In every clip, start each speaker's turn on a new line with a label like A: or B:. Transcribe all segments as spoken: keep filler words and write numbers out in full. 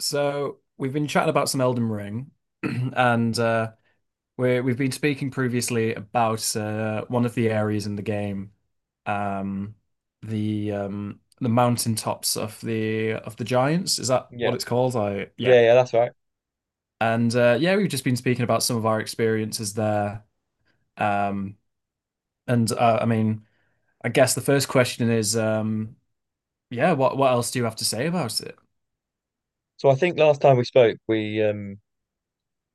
A: So we've been chatting about some Elden Ring, and uh, we we've been speaking previously about uh, one of the areas in the game, um, the um, the mountaintops of the of the giants. Is that
B: Yeah.
A: what it's called? I
B: Yeah,
A: yeah,
B: yeah, that's right.
A: and uh, Yeah, we've just been speaking about some of our experiences there. Um, and uh, I mean, I guess the first question is, um, yeah, what what else do you have to say about it?
B: So I think last time we spoke, we um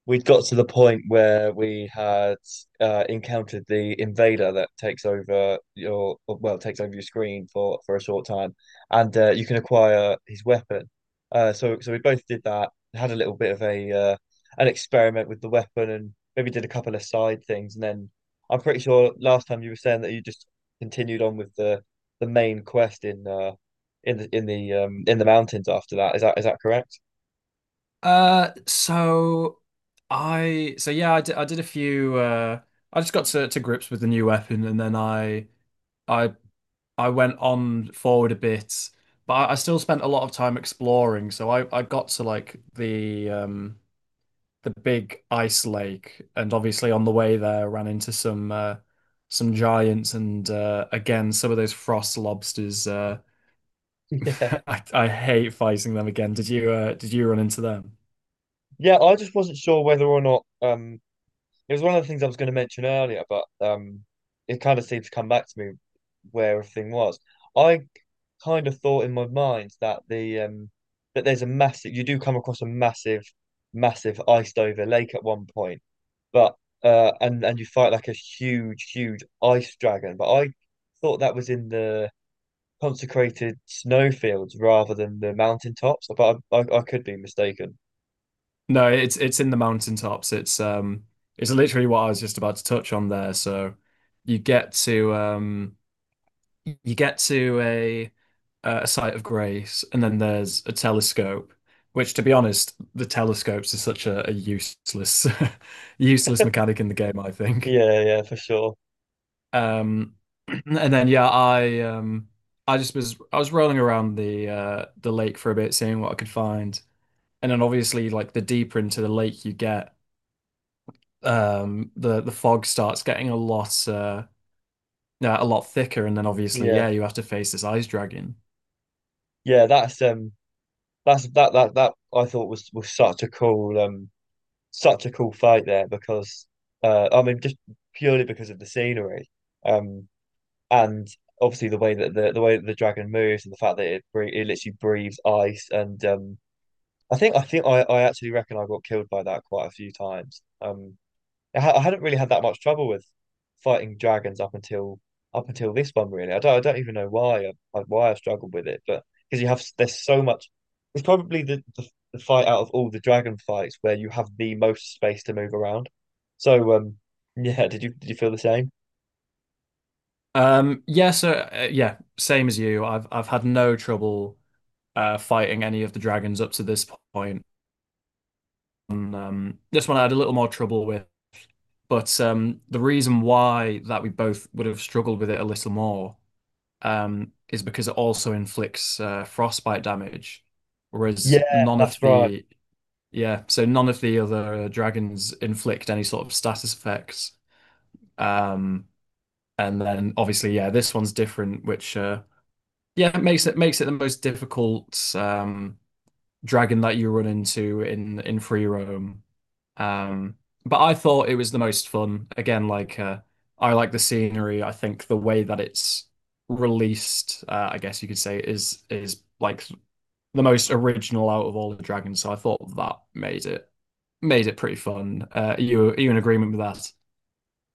B: we'd got to the point where we had uh, encountered the invader that takes over your well takes over your screen for for a short time, and uh, you can acquire his weapon. Uh, so so we both did that. Had a little bit of a uh, an experiment with the weapon, and maybe did a couple of side things, and then I'm pretty sure last time you were saying that you just continued on with the the main quest in uh in the in the um in the mountains after that. Is that is that correct?
A: Uh, so I so yeah, I did, I did a few uh I just got to, to grips with the new weapon and then I I I went on forward a bit, but I, I still spent a lot of time exploring. So I I got to like the um the big ice lake, and obviously on the way there ran into some uh some giants and uh again some of those frost lobsters uh
B: Yeah.
A: I, I hate fighting them again. Did you uh did you run into them?
B: Yeah, I just wasn't sure whether or not um It was one of the things I was going to mention earlier, but um it kind of seemed to come back to me where everything was. I kind of thought in my mind that the um that there's a massive, you do come across a massive massive iced over lake at one point, but uh and and you fight like a huge huge ice dragon, but I thought that was in the consecrated snowfields rather than the mountaintops, but I I, I could be mistaken.
A: No, it's it's in the mountaintops. It's um it's literally what I was just about to touch on there. So you get to um you get to a a site of grace, and then there's a telescope, which to be honest, the telescopes is such a, a useless useless mechanic in the game, I think.
B: Yeah, yeah, for sure.
A: Um and then yeah, I um I just was I was rolling around the uh the lake for a bit, seeing what I could find. And then obviously, like, the deeper into the lake you get, um the the fog starts getting a lot uh yeah, a lot thicker, and then obviously,
B: Yeah,
A: yeah, you have to face this ice dragon.
B: yeah, that's um that's that that that I thought was was such a cool um such a cool fight there because uh I mean just purely because of the scenery um and obviously the way that the the way that the dragon moves and the fact that it bre it literally breathes ice. And um I think I think I I actually reckon I got killed by that quite a few times. Um I, ha- I hadn't really had that much trouble with fighting dragons up until up until this one, really. I don't I don't even know why I, like, why I struggled with it, but because you have s- there's so much. It's probably the, the the fight out of all the dragon fights where you have the most space to move around. So um yeah, did you did you feel the same?
A: Um yeah so uh, yeah, same as you, I've I've had no trouble uh fighting any of the dragons up to this point. And, um this one I had a little more trouble with, but um the reason why that we both would have struggled with it a little more um is because it also inflicts uh, frostbite damage, whereas
B: Yeah,
A: none of
B: that's right.
A: the. Yeah, so none of the other uh, dragons inflict any sort of status effects. Um, and then obviously, yeah, this one's different, which uh, yeah, it makes it makes it the most difficult um, dragon that you run into in in free roam. Um, but I thought it was the most fun. Again, like, uh, I like the scenery. I think the way that it's released, uh, I guess you could say, is is like the most original out of all the dragons. So I thought that made it made it pretty fun. Uh, are you are you in agreement with that?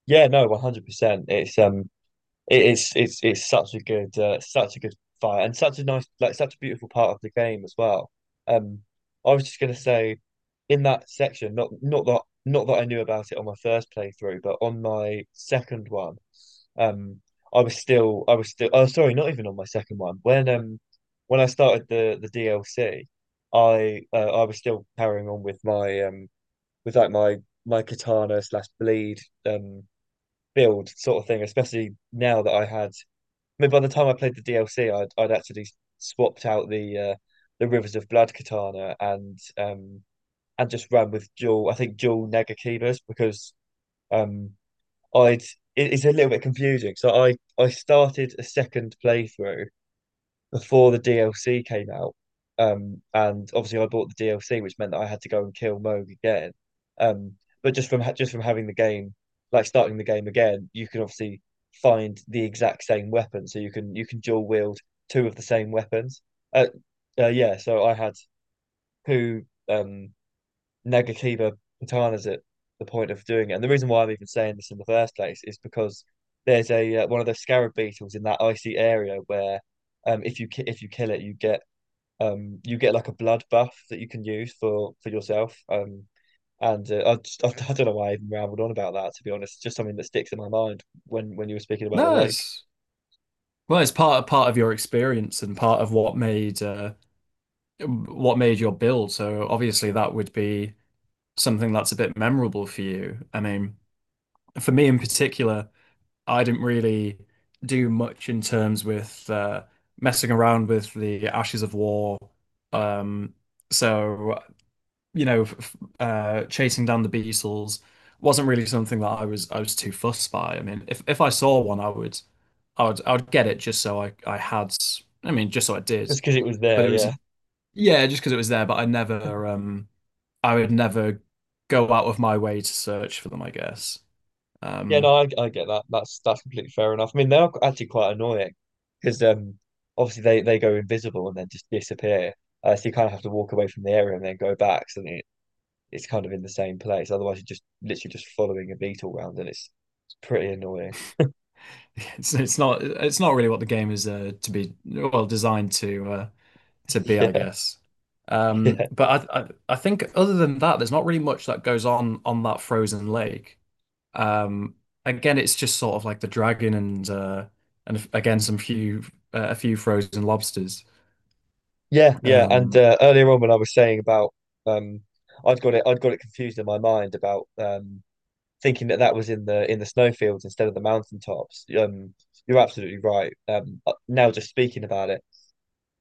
B: Yeah, no, one hundred percent. It's um It is it's it's such a good uh, such a good fight, and such a nice, like such a beautiful part of the game as well. Um, I was just gonna say, in that section, not not that not that I knew about it on my first playthrough, but on my second one, um, I was still, I was still oh sorry, not even on my second one. When um when I started the the D L C, I uh, I was still carrying on with my um with like my my katana slash bleed um build sort of thing, especially now that I had, I mean, by the time I played the D L C, I'd I'd actually swapped out the uh, the Rivers of Blood katana, and um and just ran with dual. I think dual Negakibas, because um I'd, it, it's a little bit confusing. So I I started a second playthrough before the D L C came out. Um, and obviously I bought the D L C, which meant that I had to go and kill Moog again. Um, but just from just from having the game, like starting the game again, you can obviously find the exact same weapon, so you can you can dual wield two of the same weapons. Uh, uh yeah, so I had two um Nagakiba Patana's at the point of doing it. And the reason why I'm even saying this in the first place is because there's a uh, one of those scarab beetles in that icy area where um if you ki- if you kill it, you get um you get like a blood buff that you can use for for yourself, um and uh, I, just, I I don't know why I even rambled on about that, to be honest. It's just something that sticks in my mind when when you were speaking about the
A: No,
B: lake,
A: it's well, it's part part of your experience and part of what made uh, what made your build. So obviously that would be something that's a bit memorable for you. I mean, for me in particular, I didn't really do much in terms with uh, messing around with the Ashes of War. Um, so you know, f- uh, chasing down the Beatles wasn't really something that I was I was too fussed by. I mean, if if I saw one, I would, I would, I would get it just so I I had, I mean, just so I did.
B: just because it was
A: But
B: there.
A: it was
B: Yeah.
A: yeah, just because it was there. But I never, um, I would never go out of my way to search for them, I guess.
B: Yeah,
A: Um,
B: no, I, I get that. That's that's completely fair enough. I mean, they are actually quite annoying because um, obviously they they go invisible and then just disappear. Uh, so you kind of have to walk away from the area and then go back. So then it, it's kind of in the same place. Otherwise, you're just literally just following a beetle round, and it's, it's pretty annoying.
A: it's it's not it's not really what the game is uh, to be well designed to uh, to be, I guess.
B: Yeah,
A: Um,
B: yeah,
A: but I, I I think other than that, there's not really much that goes on on that frozen lake. Um, again, it's just sort of like the dragon and uh, and again some few uh, a few frozen lobsters.
B: yeah, yeah. And
A: Um,
B: uh, earlier on, when I was saying about um, I'd got it, I'd got it confused in my mind about um thinking that that was in the in the snowfields instead of the mountaintops. Um, you're absolutely right. Um, uh, now just speaking about it,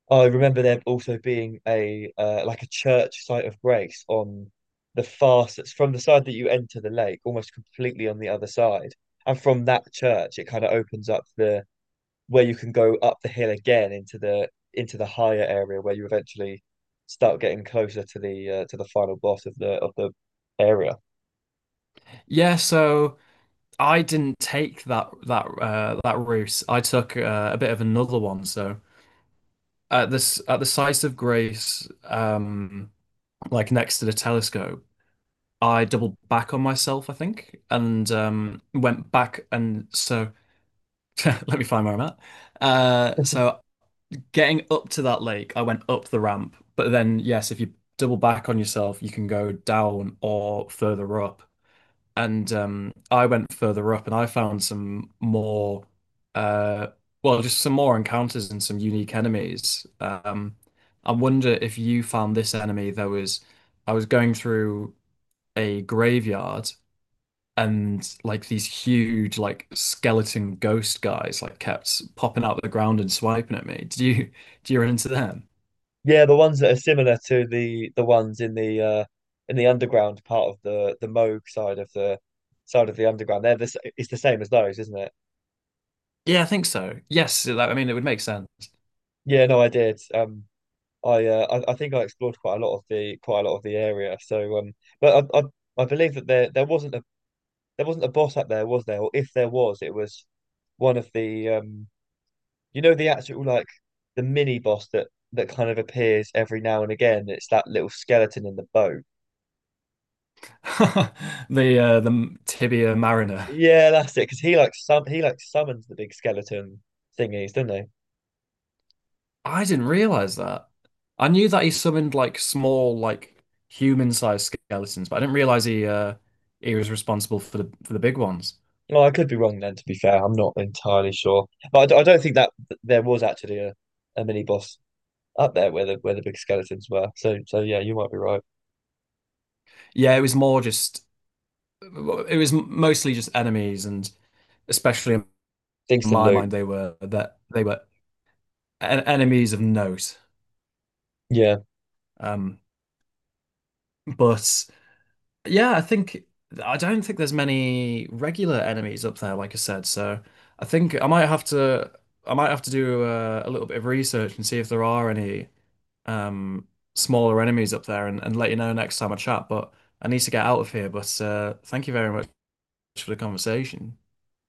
B: I remember there also being a uh, like a church site of grace on the far, That's from the side that you enter the lake, almost completely on the other side, and from that church it kind of opens up the, where you can go up the hill again into the, into the higher area where you eventually start getting closer to the uh, to the final boss of the of the area.
A: yeah, so I didn't take that that uh, that route. I took uh, a bit of another one. So at this at the site of Grace, um, like next to the telescope, I doubled back on myself, I think, and um, went back. And so let me find where I'm at. Uh, so getting up to that lake, I went up the ramp. But then, yes, if you double back on yourself, you can go down or further up. And um, I went further up and I found some more, uh, well, just some more encounters and some unique enemies. Um, I wonder if you found this enemy. There was, I was going through a graveyard, and like these huge like skeleton ghost guys like kept popping out of the ground and swiping at me. Did you Do you run into them?
B: Yeah, the ones that are similar to the the ones in the uh in the underground part of the the Moog side of the, side of the underground. They're the s- it's the same as those, isn't it?
A: Yeah, I think so. Yes, that, I mean it would make sense.
B: Yeah, no, I did. Um, I uh, I, I think I explored quite a lot of the, quite a lot of the area. So um, but I I, I believe that there there wasn't a, there wasn't a boss up there, was there? Or if there was, it was one of the um you know, the actual, like, the mini boss that, that kind of appears every now and again. It's that little skeleton in the boat.
A: The uh, the tibia mariner.
B: Yeah, that's it. Because he, like, sum he like summons the big skeleton thingies, don't they?
A: I didn't realize that. I knew that he summoned like small like human-sized skeletons, but I didn't realize he uh he was responsible for the for the big ones.
B: Well, I could be wrong then. To be fair, I'm not entirely sure, but I, d- I don't think that th- there was actually a, a mini boss up there where the, where the big skeletons were. So so yeah, you might be right.
A: Yeah, it was more just it was mostly just enemies and especially
B: Things to
A: my
B: loot.
A: mind they were that they were en- enemies of note.
B: Yeah,
A: Um, but yeah, I think I don't think there's many regular enemies up there, like I said. So I think I might have to I might have to do a, a little bit of research and see if there are any um smaller enemies up there, and, and let you know next time I chat. But I need to get out of here. But uh, thank you very much for the conversation.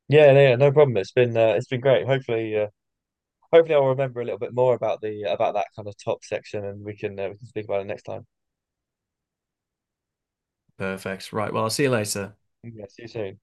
B: yeah, no, yeah. No problem. It's been uh, it's been great. Hopefully, uh, hopefully I'll remember a little bit more about the, about that kind of top section, and we can uh, we can speak about it next time.
A: Perfect. Right. Well, I'll see you later.
B: Yeah, see you soon.